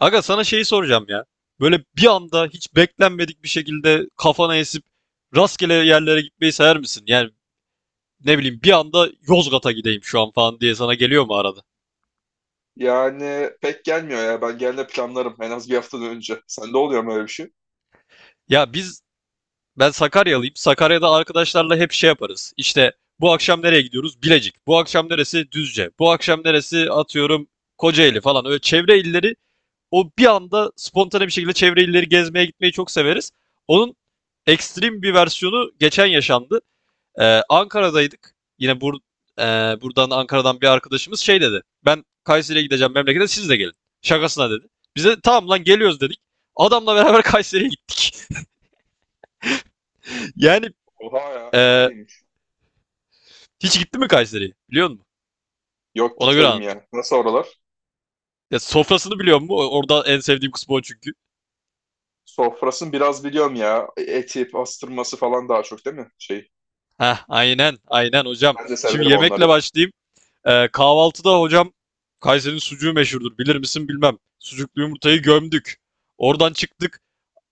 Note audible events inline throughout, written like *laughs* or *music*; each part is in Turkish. Aga sana şeyi soracağım ya. Böyle bir anda hiç beklenmedik bir şekilde kafana esip rastgele yerlere gitmeyi sever misin? Yani ne bileyim bir anda Yozgat'a gideyim şu an falan diye sana geliyor mu arada? Yani pek gelmiyor ya. Ben gelme planlarım en az bir haftadan önce. Sende oluyor mu öyle bir şey? Ya biz Ben Sakaryalıyım. Sakarya'da arkadaşlarla hep şey yaparız. İşte bu akşam nereye gidiyoruz? Bilecik. Bu akşam neresi? Düzce. Bu akşam neresi? Atıyorum Kocaeli falan. Öyle çevre illeri, o bir anda spontane bir şekilde çevre illeri gezmeye gitmeyi çok severiz. Onun ekstrem bir versiyonu geçen yaşandı. Ankara'daydık. E, Buradan Ankara'dan bir arkadaşımız şey dedi. Ben Kayseri'ye gideceğim memlekete siz de gelin. Şakasına dedi. Biz de tamam lan geliyoruz dedik. Adamla *laughs* beraber Kayseri'ye gittik. *laughs* Yani Oha ya çok e, iyiymiş. hiç gitti mi Kayseri'ye biliyor musun? Yok Ona göre gitmedim anlatacağım. ya. Nasıl oralar? Ya sofrasını biliyor musun? Orada en sevdiğim kısmı o çünkü. Sofrasını biraz biliyorum ya. Eti, pastırması falan daha çok değil mi? Şey. Heh, aynen aynen hocam. Ben de Şimdi severim onları yemekle ya. başlayayım. Kahvaltıda hocam Kayseri'nin sucuğu meşhurdur. Bilir misin bilmem. Sucuklu yumurtayı gömdük. Oradan çıktık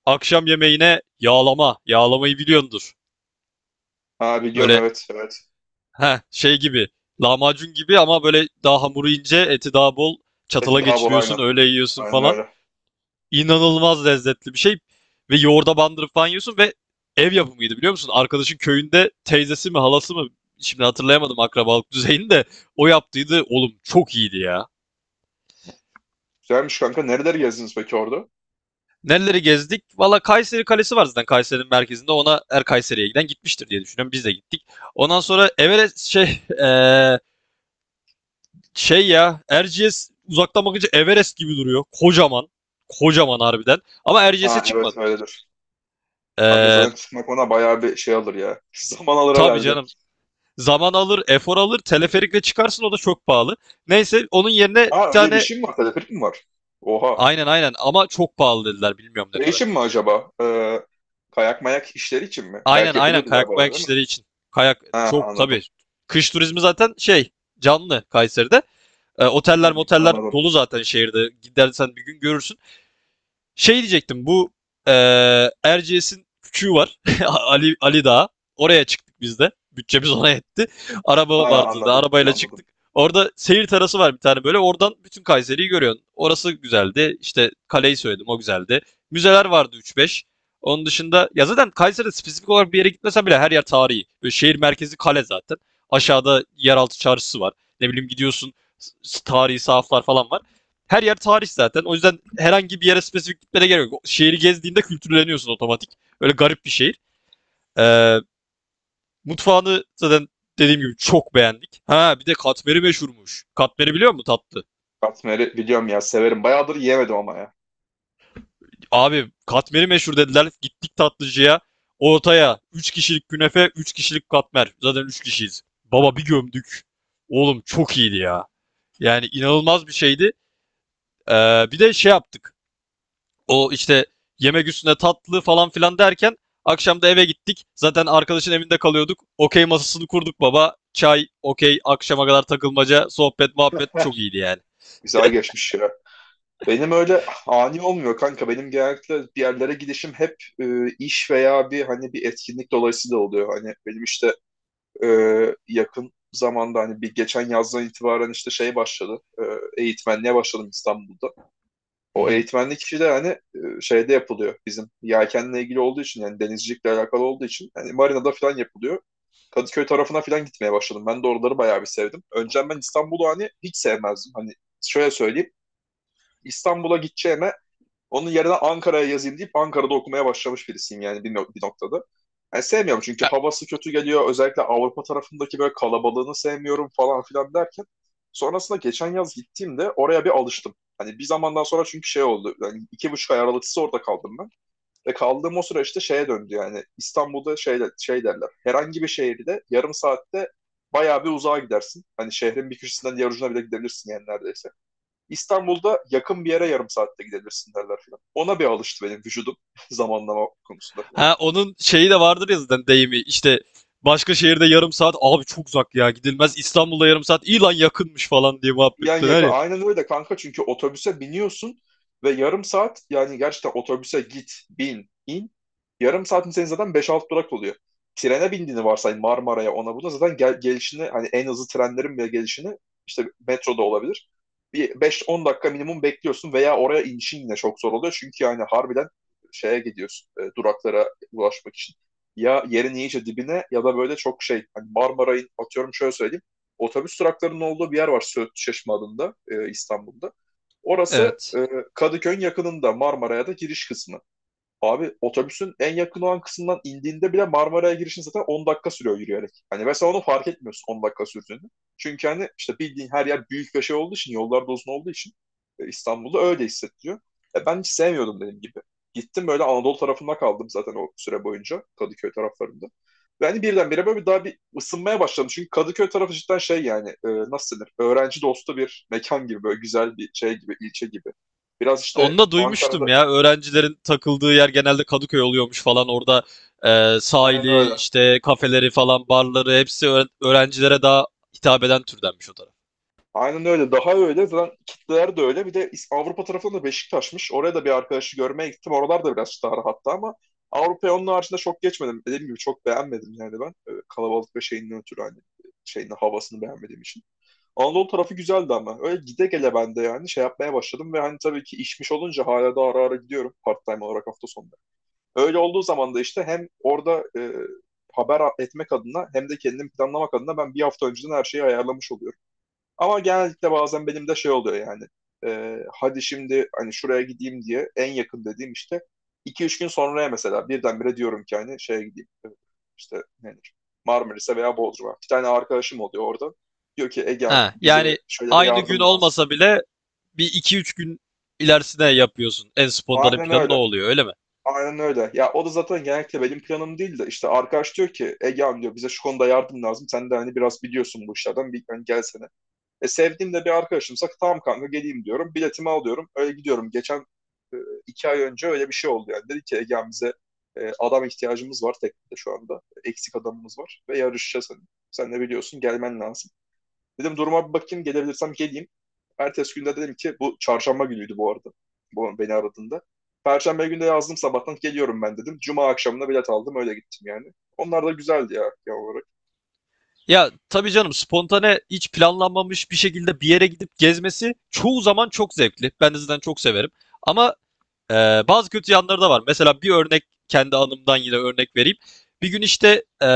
akşam yemeğine yağlama. Yağlamayı biliyordur. Ha biliyorum, Böyle evet evet. heh, şey gibi, lahmacun gibi ama böyle daha hamuru ince eti daha bol, Eti çatala daha bol aynen. geçiriyorsun öyle yiyorsun Aynen falan. öyle. İnanılmaz lezzetli bir şey ve yoğurda bandırıp falan yiyorsun ve ev yapımıydı biliyor musun? Arkadaşın köyünde teyzesi mi halası mı, şimdi hatırlayamadım akrabalık düzeyini de, o yaptıydı. Oğlum çok iyiydi ya. Güzelmiş kanka. Nereleri gezdiniz peki orada? Nereleri gezdik? Valla Kayseri Kalesi var zaten Kayseri'nin merkezinde. Ona her Kayseri'ye giden gitmiştir diye düşünüyorum. Biz de gittik. Ondan sonra Everest şey şey ya Erciyes uzaktan bakınca Everest gibi duruyor. Kocaman. Kocaman harbiden. Ama Erciyes'e Ha evet çıkmadık. öyledir. Kanka Eee zaten çıkmak ona bayağı bir şey alır ya. *laughs* Zaman alır tabii herhalde. canım. Zaman alır, efor alır. Teleferikle çıkarsın o da çok pahalı. Neyse onun yerine Ha bir öyle bir tane, şey mi var? Teleferik mi var? Oha. aynen aynen ama çok pahalı dediler, bilmiyorum ne Şey kadar. için mi acaba? Kayak mayak işleri için mi? Kayak Aynen aynen yapılıyordu galiba kayak orada bayak değil mi? işleri için. Kayak Ha çok anladım. tabii. Kış turizmi zaten şey, canlı Kayseri'de. Oteller Hmm, moteller anladım. dolu zaten şehirde. Gidersen bir gün görürsün. Şey diyecektim, bu Erciyes'in küçüğü var. *laughs* Ali Ali Dağı. Oraya çıktık biz de. Bütçemiz ona yetti. Araba Ha vardı da anladım. arabayla Anladım. çıktık. Orada seyir terası var bir tane böyle. Oradan bütün Kayseri'yi görüyorsun. Orası güzeldi. İşte kaleyi söyledim, o güzeldi. Müzeler vardı üç beş. Onun dışında ya zaten Kayseri'de spesifik olarak bir yere gitmesen bile her yer tarihi. Böyle şehir merkezi kale zaten. Aşağıda yeraltı çarşısı var. Ne bileyim gidiyorsun, tarihi sahaflar falan var. Her yer tarih zaten. O yüzden herhangi bir yere spesifik gitmene gerek yok. Şehri gezdiğinde kültürleniyorsun otomatik. Öyle garip bir şehir. Ee, Mutfağını zaten dediğim gibi çok beğendik. Ha bir de katmeri meşhurmuş. Katmeri biliyor musun, tatlı? Katmer'i biliyorum ya, severim. Bayağıdır yiyemedim ama ya. Abi katmeri meşhur dediler. Gittik tatlıcıya. Ortaya üç kişilik künefe, 3 kişilik katmer. Zaten 3 kişiyiz. Baba bir gömdük. Oğlum çok iyiydi ya. Yani inanılmaz bir şeydi. Bir de şey yaptık. O işte yemek üstüne tatlı falan filan derken akşam da eve gittik. Zaten arkadaşın evinde kalıyorduk. Okey masasını kurduk baba. Çay, okey, akşama kadar takılmaca, sohbet, muhabbet çok *laughs* iyiydi yani. Güzel geçmiş ya. Benim öyle ani olmuyor kanka. Benim genellikle bir yerlere gidişim hep iş veya hani bir etkinlik dolayısıyla oluyor. Hani benim işte e, yakın zamanda hani bir geçen yazdan itibaren işte şey başladı. Eğitmenliğe başladım İstanbul'da. Hı O hı. eğitmenlik kişi de hani şeyde yapılıyor, bizim yelkenle ilgili olduğu için, yani denizcilikle alakalı olduğu için hani marinada falan yapılıyor. Kadıköy tarafına falan gitmeye başladım. Ben de oraları bayağı bir sevdim. Önceden ben İstanbul'u hani hiç sevmezdim. Hani şöyle söyleyeyim. İstanbul'a gideceğime onun yerine Ankara'ya yazayım deyip Ankara'da okumaya başlamış birisiyim yani bir, no- bir noktada. Yani sevmiyorum çünkü havası kötü geliyor. Özellikle Avrupa tarafındaki böyle kalabalığını sevmiyorum falan filan derken. Sonrasında geçen yaz gittiğimde oraya bir alıştım. Hani bir zamandan sonra çünkü şey oldu. Yani 2,5 ay aralıksız orada kaldım ben. Ve kaldığım o süreçte işte şeye döndü yani. İstanbul'da şey derler. Herhangi bir şehirde yarım saatte bayağı bir uzağa gidersin. Hani şehrin bir köşesinden diğer ucuna bile gidebilirsin yani neredeyse. İstanbul'da yakın bir yere yarım saatte gidebilirsin derler filan. Ona bir alıştı benim vücudum *laughs* zamanlama konusunda filan. Ha onun şeyi de vardır ya zaten, deyimi işte, başka şehirde yarım saat abi çok uzak ya gidilmez, İstanbul'da yarım saat iyi lan yakınmış falan diye yan muhabbet döner yakın. ya. Aynen öyle kanka, çünkü otobüse biniyorsun ve yarım saat, yani gerçekten otobüse git, bin, in. Yarım saatin senin zaten beş 6 durak oluyor. Trene bindiğini varsay, Marmara'ya ona buna zaten gelişini, hani en hızlı trenlerin bile gelişini, işte metroda olabilir. Bir 5-10 dakika minimum bekliyorsun veya oraya inişin yine çok zor oluyor. Çünkü yani harbiden şeye gidiyorsun, duraklara ulaşmak için. Ya yerin iyice dibine ya da böyle çok şey, hani Marmara'yı atıyorum, şöyle söyleyeyim, otobüs duraklarının olduğu bir yer var Söğüt Çeşme adında, İstanbul'da. Orası Evet. Kadıköy'ün yakınında, Marmara'ya da giriş kısmı. Abi otobüsün en yakın olan kısmından indiğinde bile Marmara'ya girişin zaten 10 dakika sürüyor yürüyerek. Hani mesela onu fark etmiyorsun 10 dakika sürdüğünü. Çünkü hani işte bildiğin her yer büyük ve şey olduğu için, yollar da uzun olduğu için İstanbul'da öyle hissettiriyor. Ben hiç sevmiyordum dediğim gibi. Gittim, böyle Anadolu tarafında kaldım zaten o süre boyunca, Kadıköy taraflarında. Ve hani birdenbire böyle bir daha bir ısınmaya başladım. Çünkü Kadıköy tarafı cidden şey yani, nasıl denir? Öğrenci dostu bir mekan gibi, böyle güzel bir şey gibi, ilçe gibi. Biraz işte Onu da Ankara'da duymuştum ya. Öğrencilerin takıldığı yer genelde Kadıköy oluyormuş falan. Orada aynen sahili, öyle. işte kafeleri falan, barları, hepsi öğrencilere daha hitap eden türdenmiş o taraf. Aynen öyle. Daha öyle. Zaten kitleler de öyle. Bir de İs- Avrupa tarafında da Beşiktaş'mış. Oraya da bir arkadaşı görmeye gittim. Oralar da biraz daha rahattı ama Avrupa'ya onun haricinde çok geçmedim. Dediğim gibi çok beğenmedim yani ben. Kalabalık ve şeyinden ötürü, hani şeyin havasını beğenmediğim için. Anadolu tarafı güzeldi ama. Öyle gide gele ben de yani şey yapmaya başladım ve hani tabii ki işmiş olunca hala da ara ara gidiyorum part-time olarak, hafta sonları. Öyle olduğu zaman da işte hem orada haber etmek adına hem de kendimi planlamak adına ben bir hafta önceden her şeyi ayarlamış oluyorum. Ama genellikle bazen benim de şey oluyor yani. Hadi şimdi hani şuraya gideyim diye, en yakın dediğim işte 2-3 gün sonraya mesela, birdenbire diyorum ki hani şeye gideyim. İşte nedir? Marmaris'e veya Bodrum'a. Bir tane arkadaşım oluyor orada. Diyor ki, Egehan, Ha, bize yani şöyle bir aynı gün yardım lazım. olmasa bile bir iki üç gün ilerisine yapıyorsun. En spontane Aynen planı ne öyle. oluyor, öyle mi? Aynen öyle. Ya o da zaten genellikle benim planım değil de, işte arkadaş diyor ki Egehan, diyor, bize şu konuda yardım lazım. Sen de hani biraz biliyorsun bu işlerden, bir hani gelsene. Sevdiğim de bir arkadaşımsa tamam kanka geleyim diyorum. Biletimi alıyorum. Öyle gidiyorum. Geçen e, 2 ay önce öyle bir şey oldu yani. Dedi ki, Ege'm, bize adam ihtiyacımız var teknede şu anda. Eksik adamımız var ve yarışacağız hani. Sen de biliyorsun, gelmen lazım. Dedim, duruma bir bakayım, gelebilirsem geleyim. Ertesi günde dedim ki, bu çarşamba günüydü bu arada, bu beni aradığında. Perşembe günde yazdım, sabahtan geliyorum ben dedim. Cuma akşamına bilet aldım, öyle gittim yani. Onlar da güzeldi ya genel olarak. Ya tabii canım, spontane hiç planlanmamış bir şekilde bir yere gidip gezmesi çoğu zaman çok zevkli. Ben de zaten çok severim. Ama bazı kötü yanları da var. Mesela bir örnek, kendi anımdan yine örnek vereyim. Bir gün işte, e,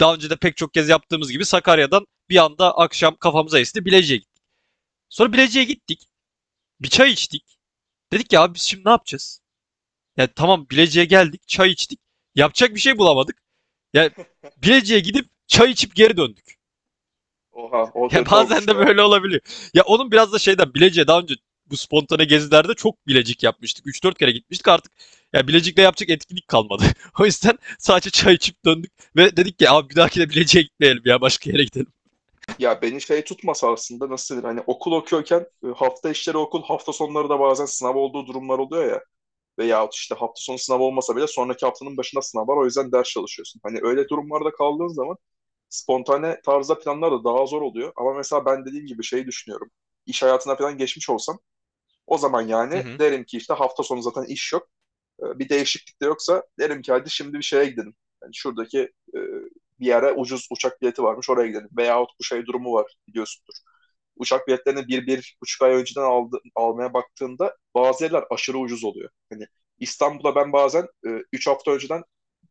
daha önce de pek çok kez yaptığımız gibi Sakarya'dan bir anda akşam kafamıza esti, Bilecik'e gittik. Sonra Bilecik'e gittik. Bir çay içtik. Dedik ya abi biz şimdi ne yapacağız? Yani tamam Bilecik'e geldik, çay içtik. Yapacak bir şey bulamadık. Yani Bilecik'e gidip çay içip geri döndük. Oha, o *laughs* Ya kötü bazen olmuş de ya. böyle olabiliyor. Ya onun biraz da şeyden, Bilecik'e daha önce bu spontane gezilerde çok Bilecik yapmıştık. Üç dört kere gitmiştik artık. Ya Bilecik'le yapacak etkinlik kalmadı. *laughs* O yüzden sadece çay içip döndük ve dedik ki abi bir dahaki de Bilecik'e gitmeyelim ya, başka yere gidelim. Ya beni şey tutmasa aslında, nasıl denir, hani okul okuyorken hafta işleri okul, hafta sonları da bazen sınav olduğu durumlar oluyor ya, veyahut işte hafta sonu sınav olmasa bile sonraki haftanın başında sınav var, o yüzden ders çalışıyorsun. Hani öyle durumlarda kaldığın zaman spontane tarzda planlar da daha zor oluyor ama mesela ben dediğim gibi şeyi düşünüyorum, iş hayatına falan geçmiş olsam o zaman Hı yani hı. derim ki, işte hafta sonu zaten iş yok. Bir değişiklik de yoksa derim ki hadi şimdi bir şeye gidelim. Yani şuradaki e, bir yere ucuz uçak bileti varmış, oraya gidelim. Veyahut bu şey durumu var biliyorsun, uçak biletlerini 1, 1,5 ay önceden almaya baktığında bazı yerler aşırı ucuz oluyor. Hani İstanbul'a ben bazen 3 hafta önceden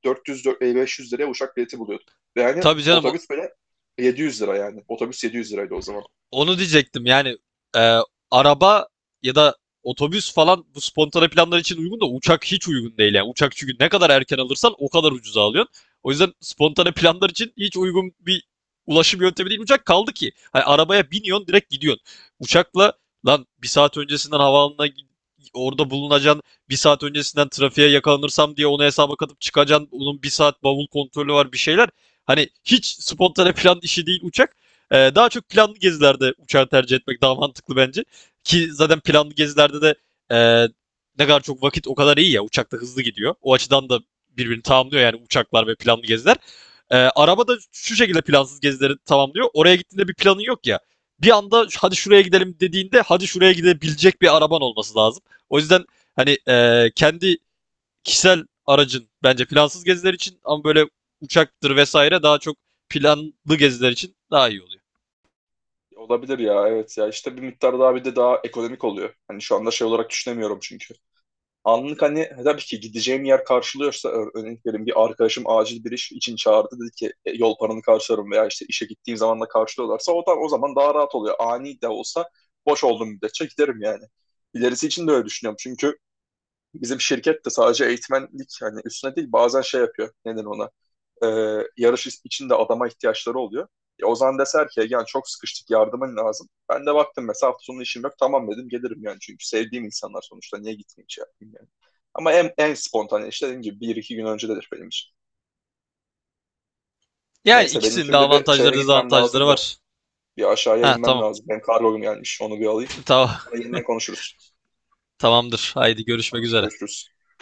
400-500 liraya uçak bileti buluyordum. Ve yani Tabii canım. otobüs böyle 700 lira yani. Otobüs 700 liraydı o zaman. Onu diyecektim yani. e, Araba ya da otobüs falan bu spontane planlar için uygun da uçak hiç uygun değil yani. Uçak çünkü ne kadar erken alırsan o kadar ucuza alıyorsun. O yüzden spontane planlar için hiç uygun bir ulaşım yöntemi değil uçak, kaldı ki hani arabaya biniyorsun direkt gidiyorsun. Uçakla lan bir saat öncesinden orada bulunacaksın. Bir saat öncesinden trafiğe yakalanırsam diye onu hesaba katıp çıkacaksın. Onun bir saat bavul kontrolü var bir şeyler. Hani hiç spontane plan işi değil uçak. Daha çok planlı gezilerde uçağı tercih etmek daha mantıklı bence. Ki zaten planlı gezilerde de e, ne kadar çok vakit o kadar iyi ya. Uçakta hızlı gidiyor. O açıdan da birbirini tamamlıyor yani, uçaklar ve planlı geziler. Araba da şu şekilde plansız gezileri tamamlıyor. Oraya gittiğinde bir planın yok ya. Bir anda hadi şuraya gidelim dediğinde, hadi şuraya gidebilecek bir araban olması lazım. O yüzden hani kendi kişisel aracın bence plansız geziler için, ama böyle uçaktır vesaire daha çok planlı geziler için daha iyi oluyor. Olabilir ya, evet. Ya işte bir miktar daha, bir de daha ekonomik oluyor. Hani şu anda şey olarak düşünemiyorum çünkü. Anlık hani, tabii ki gideceğim yer karşılıyorsa, örnek vereyim, bir arkadaşım acil bir iş için çağırdı, dedi ki, "E, yol paranı karşılarım" veya işte işe gittiğim zaman da karşılıyorlarsa, o da o zaman daha rahat oluyor. Ani de olsa boş olduğum müddetçe giderim yani. İlerisi için de öyle düşünüyorum. Çünkü bizim şirket de sadece eğitmenlik hani üstüne değil, bazen şey yapıyor. Neden ona? e, Yarış için de adama ihtiyaçları oluyor. E, Ozan deser ki yani, çok sıkıştık, yardımın lazım. Ben de baktım mesela hafta sonu işim yok, tamam dedim gelirim yani, çünkü sevdiğim insanlar sonuçta, niye gitmeyeyim şey yapayım yani. Ama en, spontane işte dediğim gibi bir iki gün öncedir benim için. Yani Neyse, benim ikisinin de şimdi bir avantajları şeye gitmem dezavantajları lazım da, var. bir aşağıya Ha inmem tamam. lazım. Benim kargom gelmiş, onu bir alayım. Tamam. *laughs* Sonra yeniden konuşuruz. Tamamdır. Haydi görüşmek Hadi üzere. görüşürüz.